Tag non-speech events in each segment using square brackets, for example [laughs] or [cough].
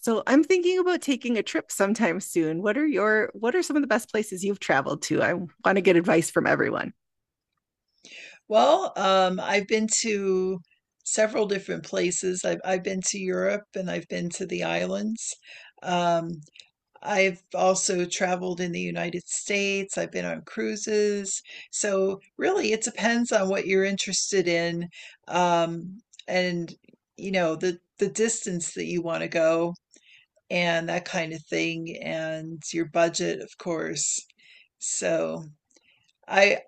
So I'm thinking about taking a trip sometime soon. What are some of the best places you've traveled to? I want to get advice from everyone. Well, I've been to several different places. I've been to Europe and I've been to the islands. Um, I've also traveled in the United States. I've been on cruises. So really, it depends on what you're interested in, um, and the distance that you want to go and that kind of thing, and your budget, of course. So. I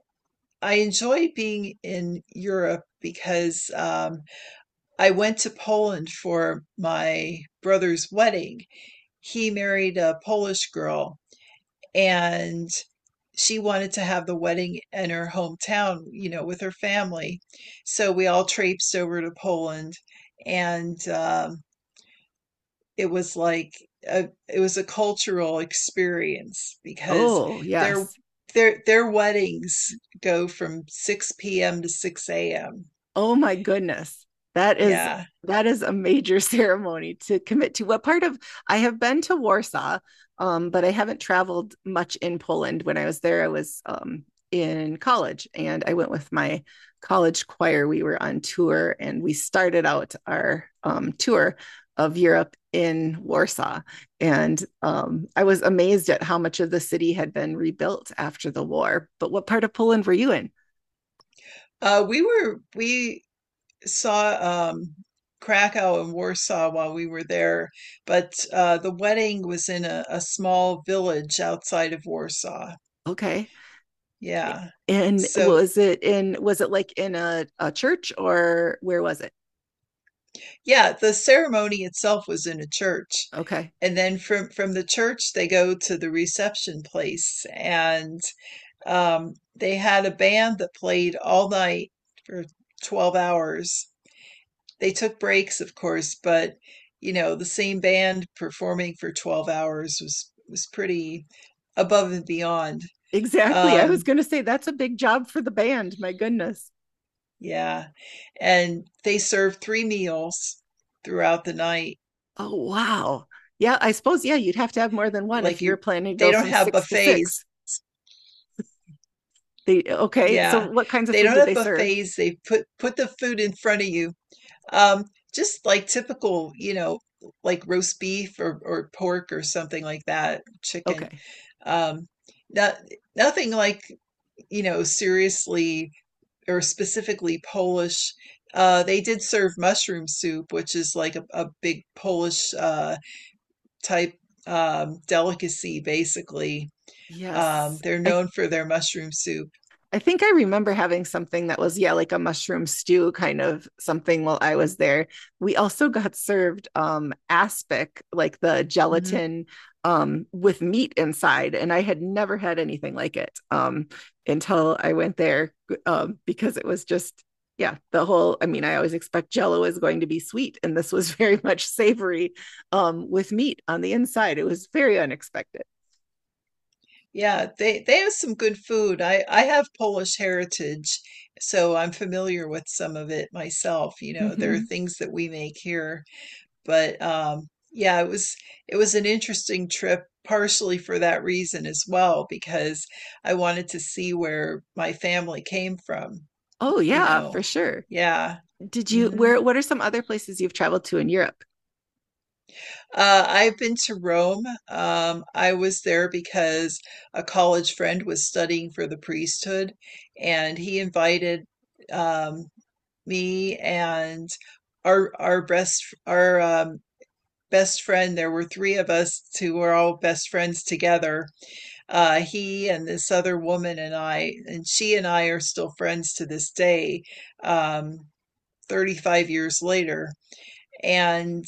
I enjoy being in Europe because I went to Poland for my brother's wedding. He married a Polish girl and she wanted to have the wedding in her hometown, with her family. So we all traipsed over to Poland and it was like it was a cultural experience because Oh, their yes. their weddings go from 6 p.m. to 6 a.m. Oh my goodness. That is Yeah. that is a major [laughs] ceremony to commit to. What part of I have been to Warsaw, but I haven't traveled much in Poland. When I was there, I was in college and I went with my college choir. We were on tour and we started out our tour of Europe in Warsaw. And I was amazed at how much of the city had been rebuilt after the war. But what part of Poland were you in? We saw Krakow and Warsaw while we were there, but the wedding was in a small village outside of Warsaw. Okay. Yeah. And So, was it like in a church or where was it? yeah, the ceremony itself was in a church. Okay. And then from the church they go to the reception place, and they had a band that played all night for 12 hours. They took breaks, of course, but the same band performing for 12 hours was pretty above and beyond. Exactly. I was Um gonna say that's a big job for the band. My goodness. yeah, and they served three meals throughout the night. Oh wow. Yeah, I suppose, yeah, you'd have to have more than one if Like you were you planning to they go don't from have six to six. buffets. They, okay. So Yeah. what kinds of They food don't did they have serve? buffets. They put the food in front of you. Um, just like typical, like roast beef or pork or something like that, chicken. Okay. Um, not, nothing like, seriously or specifically Polish. They did serve mushroom soup, which is like a big Polish type delicacy, basically. Yes. They're known for their mushroom soup. I think I remember having something that was, yeah, like a mushroom stew kind of something while I was there. We also got served aspic, like the Mhm. gelatin with meat inside, and I had never had anything like it until I went there because it was just, yeah, the whole I always expect jello is going to be sweet and this was [laughs] very much savory with meat on the inside. It was very unexpected. Yeah, they have some good food. I have Polish heritage, so I'm familiar with some of it myself. You know, there are Mm-hmm. things that we make here, but yeah, it was an interesting trip partially for that reason as well because I wanted to see where my family came from, Oh you yeah, know. for sure. Yeah. Did you hmm where what are some other places you've traveled to in Europe? I've been to Rome. I was there because a college friend was studying for the priesthood, and he invited um, me and our best friend. There were three of us who were all best friends together. He and this other woman and I, and she and I are still friends to this day, um, 35 years later. And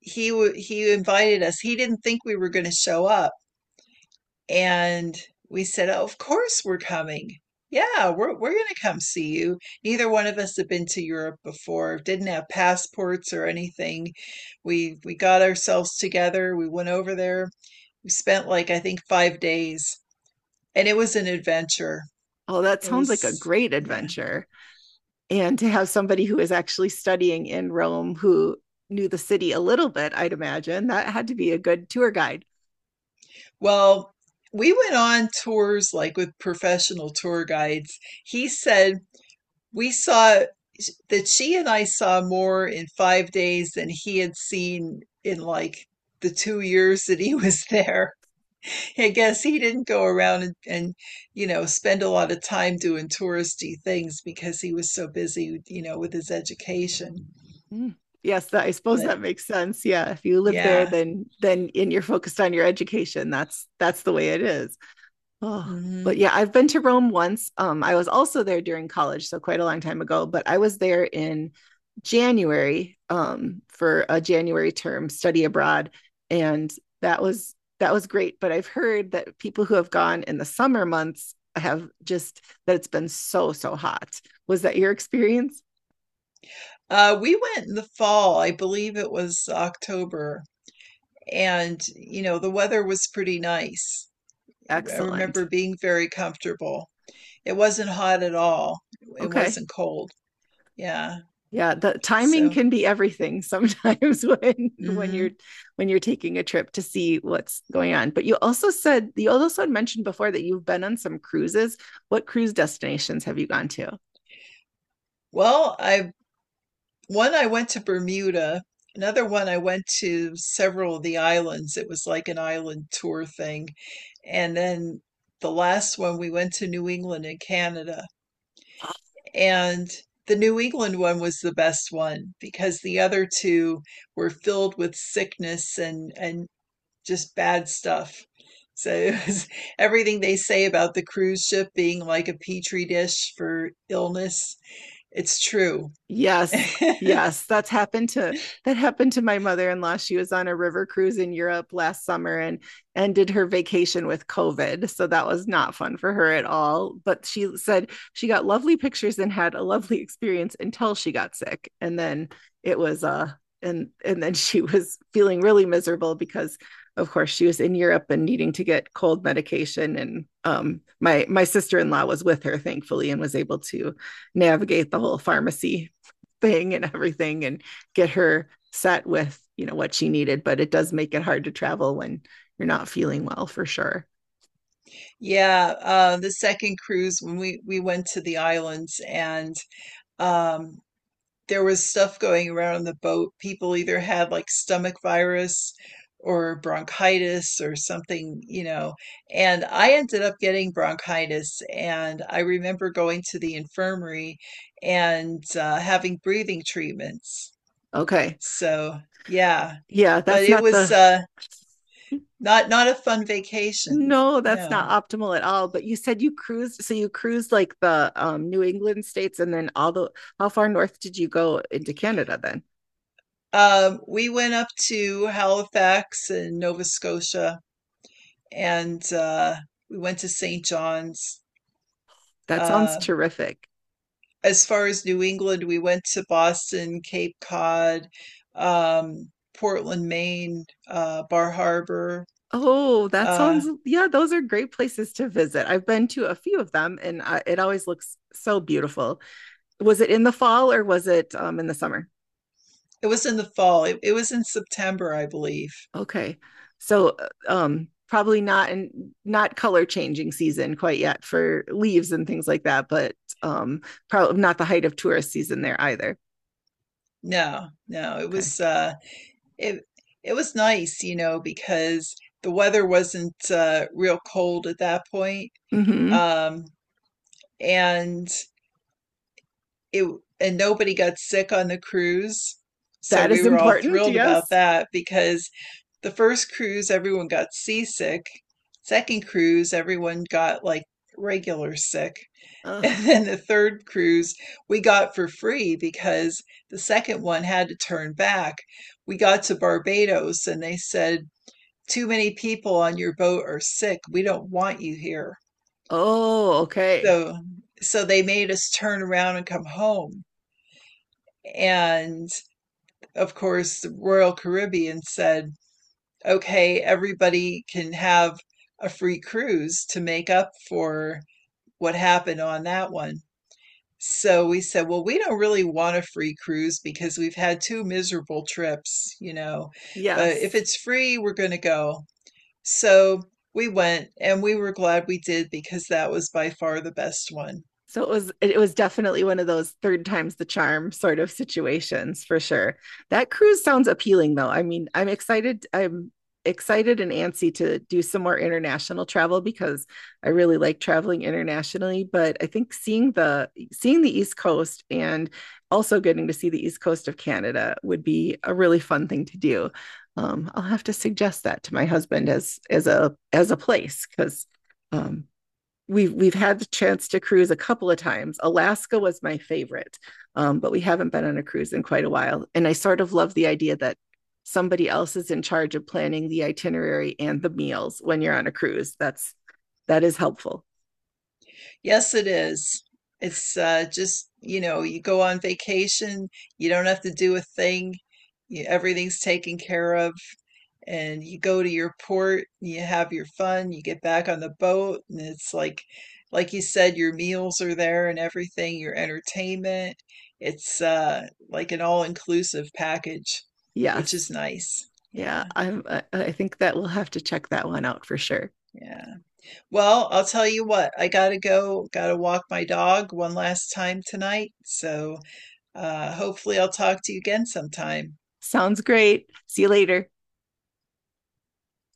he invited us. He didn't think we were going to show up, and we said, "Oh, of course we're coming. Yeah, we're going to come see you." Neither one of us had been to Europe before, didn't have passports or anything. We got ourselves together. We went over there. We spent like I think 5 days, and it was an adventure. Oh, that It sounds like a was, great yeah. adventure. And to have somebody who is actually studying in Rome who knew the city a little bit, I'd imagine that had to be a good tour guide. Well. We went on tours like with professional tour guides. He said we saw that she and I saw more in 5 days than he had seen in like the 2 years that he [laughs] was there. I guess he didn't go around and spend a lot of time doing touristy things because he was so busy, with his education. Mm. Yes, that, I suppose But, that makes sense. Yeah, if you live there, yeah. Then and you're focused on your education, that's the way it is. Oh, hmm but yeah, I've been to Rome once. I was also there during college, so quite a long time ago, but I was there in January, for a January term study abroad, and that was that was great. But I've heard that people who have gone in the summer months have just that it's been so, so hot. Was that your experience? We went in the fall, I believe it was October, and, the weather was pretty nice. I remember Excellent. being very comfortable. It wasn't hot at all. It Okay. wasn't cold. Yeah. Yeah, the timing So. can be everything sometimes [laughs] when you're hmm when you're taking a trip to see what's going on. But you also had mentioned before that you've been on some cruises. What cruise destinations have you gone to? well, I one I went to Bermuda. Another one I went to several of the islands. It was like an island tour thing. And then the last one we went to New England and Canada. And the New England one was the best one because the other two were filled with sickness and just bad stuff. So, [laughs] it was everything they say about the cruise ship being like a petri dish for illness, it's true. Yes. [laughs] Yes, that happened to my mother-in-law. She was on a river cruise in Europe last summer and ended her vacation with COVID. So that was not fun for her at all, but she said she got lovely pictures and had a lovely experience until she got sick. And then it was and then [laughs] she was feeling really miserable because of course she was in Europe and needing to get cold medication and my sister-in-law was with her, thankfully, and was able to navigate the whole pharmacy thing and everything and get her set with what she needed. But it does make it hard to travel when you're not feeling well, for sure. Yeah, the second cruise when we went to the islands and um there was stuff going around on the boat. People either had like stomach virus or bronchitis or something. And I ended up getting bronchitis. And I remember going to the infirmary and having breathing treatments. Okay. So, yeah, Yeah, but that's it not was the, not a fun vacation. no, that's No. not optimal at all. But you said you cruised, so you cruised like the New England states, and then all the, how far north did you go into Canada then? We went up to Halifax in Nova Scotia and we went to St. John's. That sounds Um, terrific. as far as New England, we went to Boston, Cape Cod, um, Portland, Maine, Bar Harbor. Oh, that Uh, sounds, yeah, those are great places to visit. I've been to a few of them, and I, it always looks so beautiful. Was it in the fall or was it in the summer? it was in the fall. It was in September, I believe. Okay, so probably not in, not color changing season quite yet for leaves and things like that, but um, probably not the height of tourist season there either. No, no, it Okay, was it it was nice, because the weather wasn't real cold at that point, mm-hmm. um, and it and nobody got sick on the cruise, so That we is were all important. thrilled about Yes. that because the first cruise everyone got seasick. Second cruise everyone got like regular sick. [laughs] Ugh. And then the third cruise we got for free because the second one had to turn back. We got to Barbados and they said too many people on your boat are sick, we don't want you here. Oh, okay. So so they made us turn around and come home. And of course the Royal Caribbean said, "Okay, everybody can have a free cruise to make up for what happened on that one." So we said, well, we don't really want a free cruise because we've had two miserable trips, but if Yes. it's free, we're going to go. So we went and we were glad we did because that was by far the best one. So it was definitely one of those third times the charm sort of situations, for sure. That cruise sounds appealing, though. I'm excited. I'm excited and antsy to do some more international travel because I really like traveling internationally, but I think seeing the East Coast, and also getting to see the East Coast of Canada, would be a really fun thing to do. I'll have to suggest that to my husband as a place because um, we've had the chance to cruise a couple of times. Alaska was my favorite, but we haven't been on a cruise in quite a while. And I sort of love the idea that somebody else is in charge of planning the itinerary and the meals when you're on a cruise. That is helpful. Yes, it is. It's just, you go on vacation, you don't have to do a thing, everything's taken care of. And you go to your port, you have your fun, you get back on the boat, and it's like you said, your meals are there and everything, your entertainment. It's like an all-inclusive package, which is Yes, nice. yeah, Yeah, I think that we'll have to check that one out for sure. yeah. Well, I'll tell you what, I gotta go, gotta walk my dog one last time tonight. So, hopefully I'll talk to you again sometime. Sounds great. See you later.